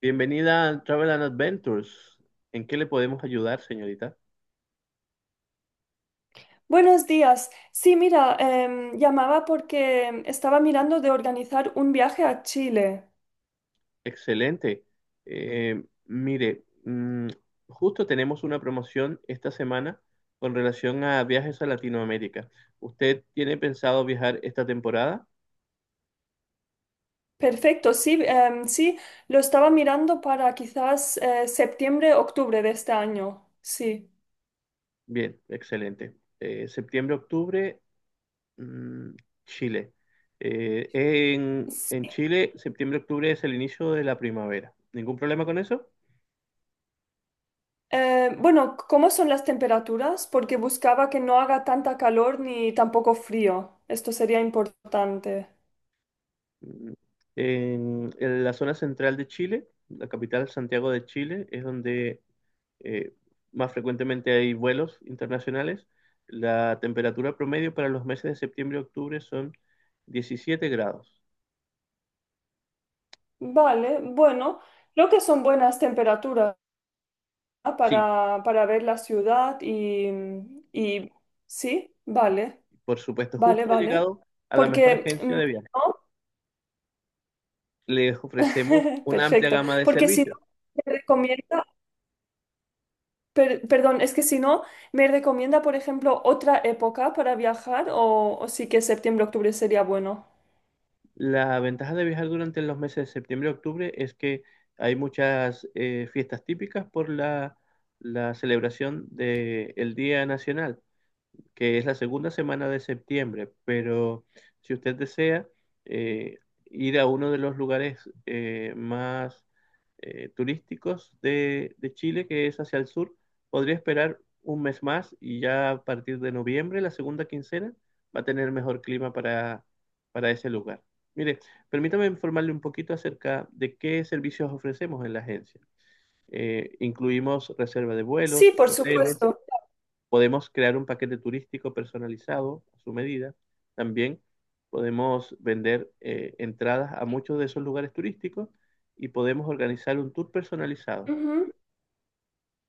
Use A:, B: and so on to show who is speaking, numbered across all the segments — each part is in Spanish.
A: Bienvenida a Travel and Adventures. ¿En qué le podemos ayudar, señorita?
B: Buenos días. Sí, mira, llamaba porque estaba mirando de organizar un viaje a Chile.
A: Excelente. Eh, mire, mm, justo tenemos una promoción esta semana con relación a viajes a Latinoamérica. ¿Usted tiene pensado viajar esta temporada?
B: Perfecto, sí, lo estaba mirando para quizás septiembre, octubre de este año. Sí.
A: Bien, excelente. Septiembre, octubre, mm, Chile. En
B: Sí.
A: Chile, septiembre, octubre es el inicio de la primavera. ¿Ningún problema con eso?
B: Bueno, ¿cómo son las temperaturas? Porque buscaba que no haga tanta calor ni tampoco frío. Esto sería importante.
A: Mm, en la zona central de Chile, la capital Santiago de Chile, es donde eh, más frecuentemente hay vuelos internacionales. La temperatura promedio para los meses de septiembre y octubre son 17 grados.
B: Vale, bueno, creo que son buenas temperaturas. Ah,
A: Sí,
B: para ver la ciudad y sí, vale,
A: por supuesto,
B: vale,
A: justo ha
B: vale.
A: llegado a la mejor
B: Porque,
A: agencia
B: mm,
A: de viajes.
B: ¿no?
A: Les ofrecemos una amplia
B: Perfecto.
A: gama de
B: Porque si
A: servicios.
B: no, me recomienda, perdón, es que si no, me recomienda, por ejemplo, otra época para viajar o sí que septiembre, octubre sería bueno.
A: La ventaja de viajar durante los meses de septiembre y octubre es que hay muchas fiestas típicas por la celebración del Día Nacional, que es la segunda semana de septiembre. Pero si usted desea eh, ir a uno de los lugares más turísticos de Chile, que es hacia el sur, podría esperar un mes más, y ya a partir de noviembre, la segunda quincena, va a tener mejor clima para ese lugar. Mire, permítame informarle un poquito acerca de qué servicios ofrecemos en la agencia. Incluimos reserva de
B: Sí,
A: vuelos,
B: por
A: hoteles.
B: supuesto.
A: Podemos crear un paquete turístico personalizado a su medida. También podemos vender entradas a muchos de esos lugares turísticos, y podemos organizar un tour personalizado.
B: Ujú.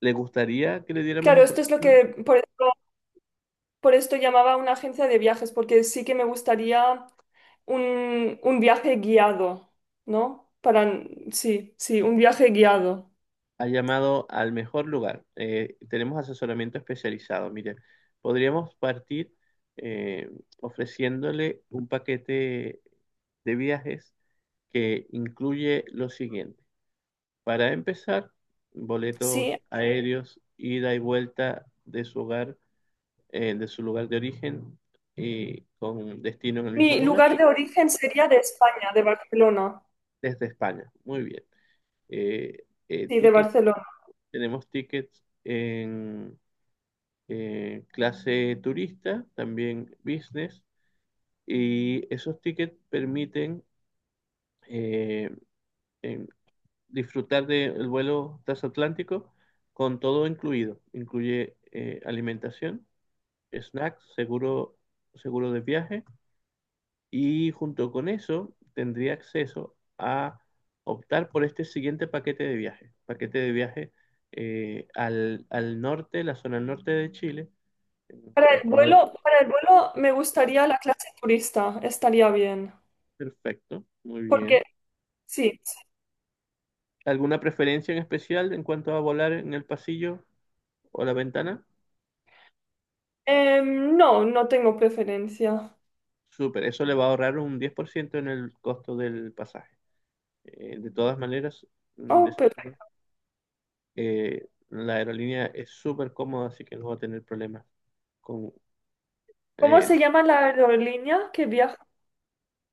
A: ¿Le gustaría que le diera más
B: Claro, esto es lo
A: información?
B: que, por esto llamaba a una agencia de viajes, porque sí que me gustaría un viaje guiado, ¿no? Para, sí, sí, un viaje guiado.
A: Ha llamado al mejor lugar. Tenemos asesoramiento especializado. Mire, podríamos partir eh, ofreciéndole un paquete de viajes que incluye lo siguiente. Para empezar,
B: Sí.
A: boletos aéreos, ida y vuelta de su hogar, de su lugar de origen y con destino en el mismo
B: Mi
A: lugar,
B: lugar de origen sería de España, de Barcelona.
A: desde España. Muy bien.
B: Sí, de
A: Ticket,
B: Barcelona.
A: tenemos tickets en clase turista, también business, y esos tickets permiten eh, em, disfrutar del vuelo transatlántico con todo incluido. Incluye alimentación, snacks, seguro, seguro de viaje, y junto con eso tendría acceso a optar por este siguiente paquete de viaje. Paquete de viaje al norte, la zona norte de Chile, el cual
B: Para el vuelo me gustaría la clase turista, estaría bien.
A: perfecto, muy
B: Porque,
A: bien.
B: sí. sí.
A: ¿Alguna preferencia en especial en cuanto a volar en el pasillo o la ventana?
B: No, no tengo preferencia.
A: Súper, eso le va a ahorrar un 10% en el costo del pasaje. De todas maneras, de
B: Oh, perfecto.
A: seguro. La aerolínea es súper cómoda, así que no va a tener problemas con
B: ¿Cómo
A: eh,
B: se
A: lo-
B: llama la aerolínea que viaja?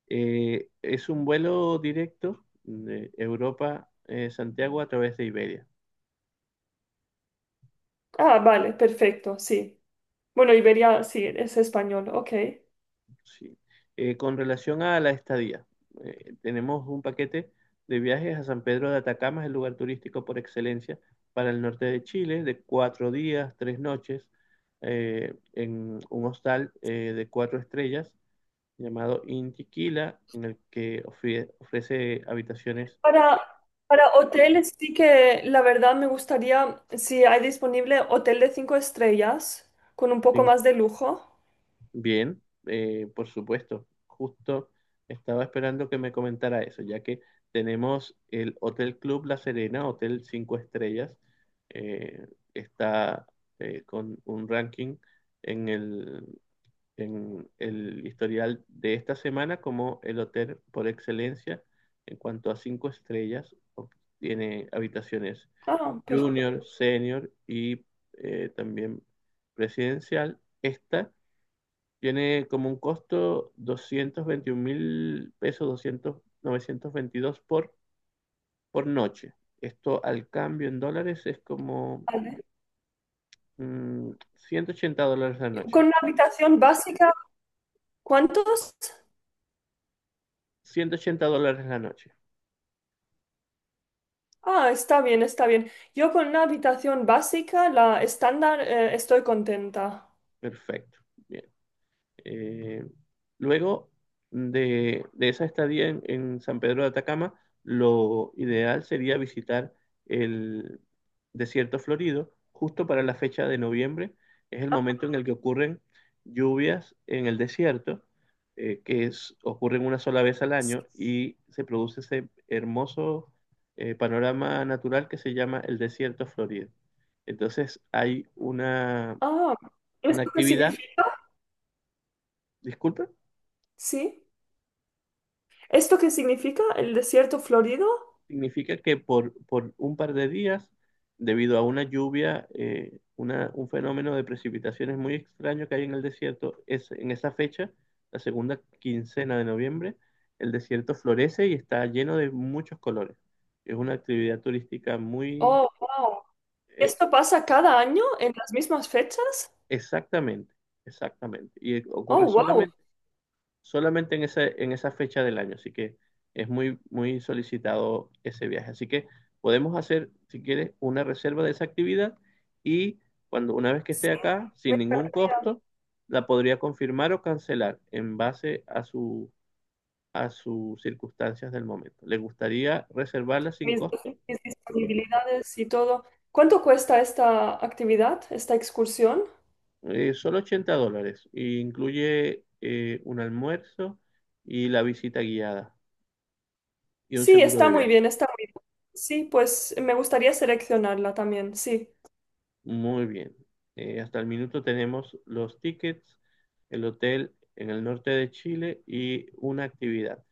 A: es un vuelo directo de Europa, Santiago, a través de Iberia.
B: Ah, vale, perfecto, sí. Bueno, Iberia, sí, es español, ok.
A: Sí. Con relación a la estadía, tenemos un paquete de viajes a San Pedro de Atacama. Es el lugar turístico por excelencia para el norte de Chile, de cuatro días, tres noches, en un hostal de cuatro estrellas llamado Intiquila, en el que ofrece habitaciones
B: Para, para hoteles sí que la verdad me gustaría, si hay disponible, hotel de cinco estrellas con un poco
A: sin costo.
B: más de lujo.
A: Bien, por supuesto. Justo estaba esperando que me comentara eso, ya que tenemos el Hotel Club La Serena, hotel 5 estrellas. eh, Está con un ranking en el, en el historial de esta semana como el hotel por excelencia en cuanto a 5 estrellas. Tiene habitaciones
B: Ah, perfecto.
A: junior, senior y también presidencial. Esta tiene como un costo 221 mil pesos, 922 por noche. Esto al cambio en dólares es como
B: Vale.
A: $180 la noche.
B: Con una habitación básica, ¿cuántos?
A: $180 la noche.
B: Ah, está bien, está bien. Yo con una habitación básica, la estándar, estoy contenta.
A: Perfecto. Bien. Eh, Luego de esa estadía en San Pedro de Atacama, lo ideal sería visitar el desierto florido justo para la fecha de noviembre. Es el momento en el que ocurren lluvias en el desierto, ocurren una sola vez al año, y se produce ese hermoso panorama natural que se llama el desierto florido. Entonces hay
B: Ah,
A: una
B: ¿esto qué
A: actividad,
B: significa?
A: disculpe.
B: ¿Sí? ¿Esto qué significa? ¿El desierto florido?
A: Significa que por un par de días, debido a una lluvia, un fenómeno de precipitaciones muy extraño que hay en el desierto, es, en esa fecha, la segunda quincena de noviembre, el desierto florece y está lleno de muchos colores. Es una actividad turística muy.
B: Oh, wow.
A: eh,
B: ¿Esto pasa cada año en las mismas fechas?
A: Exactamente, exactamente. Y
B: Oh,
A: ocurre
B: wow.
A: solamente en esa, fecha del año, así que es muy, muy solicitado ese viaje. Así que podemos hacer, si quieres, una reserva de esa actividad, y cuando una vez que esté
B: Sí,
A: acá,
B: me
A: sin ningún
B: encantaría ver.
A: costo, la podría confirmar o cancelar en base a su, a sus circunstancias del momento. ¿Le gustaría reservarla sin
B: Mis,
A: costo?
B: mis disponibilidades y todo. ¿Cuánto cuesta esta actividad, esta excursión?
A: Solo $80. Y incluye un almuerzo y la visita guiada y un
B: Sí,
A: seguro
B: está
A: de
B: muy
A: viaje.
B: bien, está muy bien. Sí, pues me gustaría seleccionarla también, sí.
A: Muy bien. Hasta el minuto tenemos los tickets, el hotel en el norte de Chile y una actividad.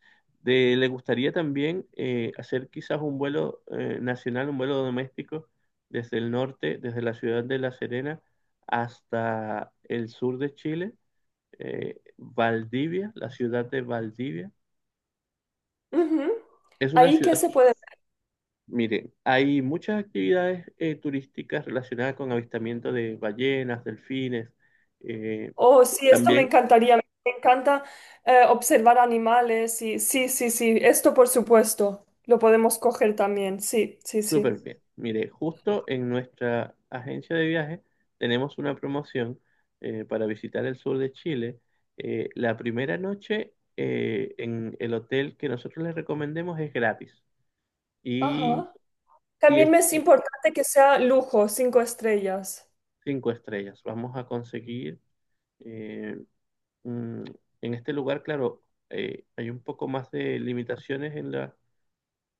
A: ¿Le gustaría también hacer quizás un vuelo nacional, un vuelo doméstico desde el norte, desde la ciudad de La Serena hasta el sur de Chile, Valdivia, la ciudad de Valdivia?
B: Ujú.
A: Es una
B: ¿Ahí qué
A: ciudad.
B: se puede ver?
A: Mire, hay muchas actividades turísticas relacionadas con avistamiento de ballenas, delfines, eh,
B: Oh, sí, esto me
A: también.
B: encantaría. Me encanta observar animales y sí, sí, sí. Esto por supuesto. Lo podemos coger también. Sí, sí, sí.
A: Súper bien. Mire, justo en nuestra agencia de viajes tenemos una promoción para visitar el sur de Chile. La primera noche en el hotel que nosotros les recomendemos es gratis, y,
B: Ajá.
A: y
B: También
A: es
B: me es
A: de
B: importante que sea lujo, cinco estrellas.
A: cinco estrellas. Vamos a conseguir eh, mm, en este lugar, claro, hay un poco más de limitaciones en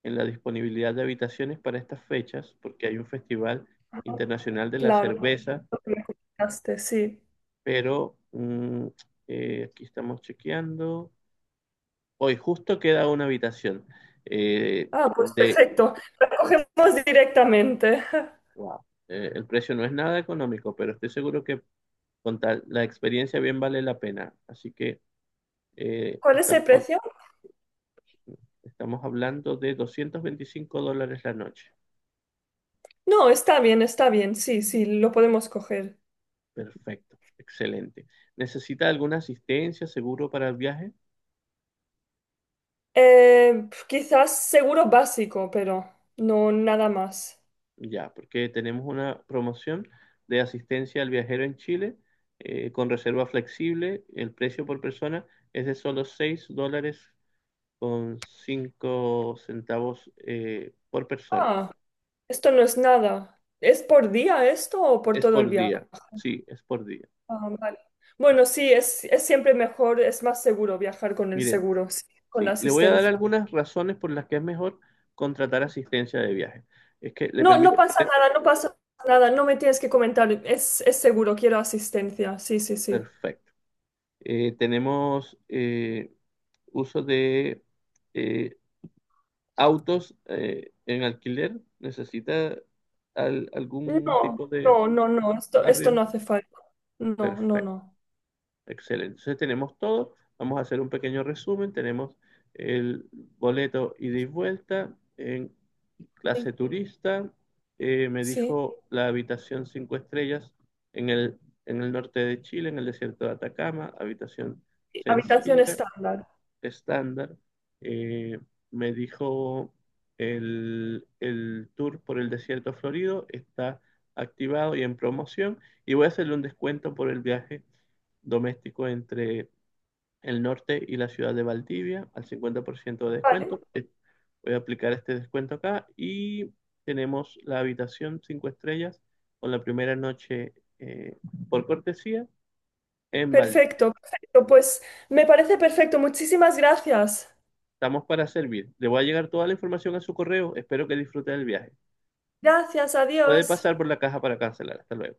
A: en la disponibilidad de habitaciones para estas fechas, porque hay un festival
B: Ajá.
A: internacional de la
B: Claro,
A: cerveza,
B: lo que me comentaste, sí.
A: pero aquí estamos chequeando. Hoy justo queda una habitación
B: Ah, pues
A: de.
B: perfecto. La cogemos directamente.
A: Wow. El precio no es nada económico, pero estoy seguro que con tal, la experiencia bien vale la pena. Así que eh,
B: ¿Cuál es el
A: estamos, hab-
B: precio?
A: estamos hablando de $225 la noche.
B: No, está bien, está bien. Sí, sí, lo podemos coger.
A: Perfecto, excelente. ¿Necesita alguna asistencia, seguro para el viaje?
B: Quizás seguro básico, pero no nada más.
A: Ya, porque tenemos una promoción de asistencia al viajero en Chile con reserva flexible. El precio por persona es de solo $6.05 por persona.
B: Ah, esto no es nada. ¿Es por día esto o por
A: Es
B: todo el
A: por
B: viaje?
A: día, sí, es por día.
B: Ah, vale. Bueno, sí, es siempre mejor, es más seguro viajar con el
A: Mire,
B: seguro, sí, con la
A: sí, le voy a dar
B: asistencia.
A: algunas razones por las que es mejor contratar asistencia de viaje. Es que le
B: No, no
A: permite
B: pasa
A: tener,
B: nada, no pasa nada, no me tienes que comentar, es seguro, quiero asistencia, sí, sí, sí.
A: perfecto. Tenemos uso de eh, autos en alquiler. ¿Necesita algún
B: No,
A: tipo de
B: no, no, no, esto no
A: arriendo?
B: hace falta. No, no,
A: Perfecto,
B: no.
A: excelente. Entonces tenemos todo. Vamos a hacer un pequeño resumen. Tenemos el boleto ida y vuelta en
B: Sí,
A: clase turista. Me
B: sí.
A: dijo la habitación cinco estrellas en el, en el norte de Chile, en el desierto de Atacama, habitación
B: Sí, habitación
A: sencilla,
B: estándar.
A: estándar. eh, Me dijo el tour por el desierto florido está activado y en promoción, y voy a hacerle un descuento por el viaje doméstico entre el norte y la ciudad de Valdivia al 50% de
B: Vale,
A: descuento. Voy a aplicar este descuento acá, y tenemos la habitación 5 estrellas con la primera noche por cortesía en Valdivia.
B: perfecto, perfecto. Pues me parece perfecto, muchísimas gracias.
A: Estamos para servir. Le voy a llegar toda la información a su correo. Espero que disfrute del viaje.
B: Gracias,
A: Puede
B: adiós.
A: pasar por la caja para cancelar. Hasta luego.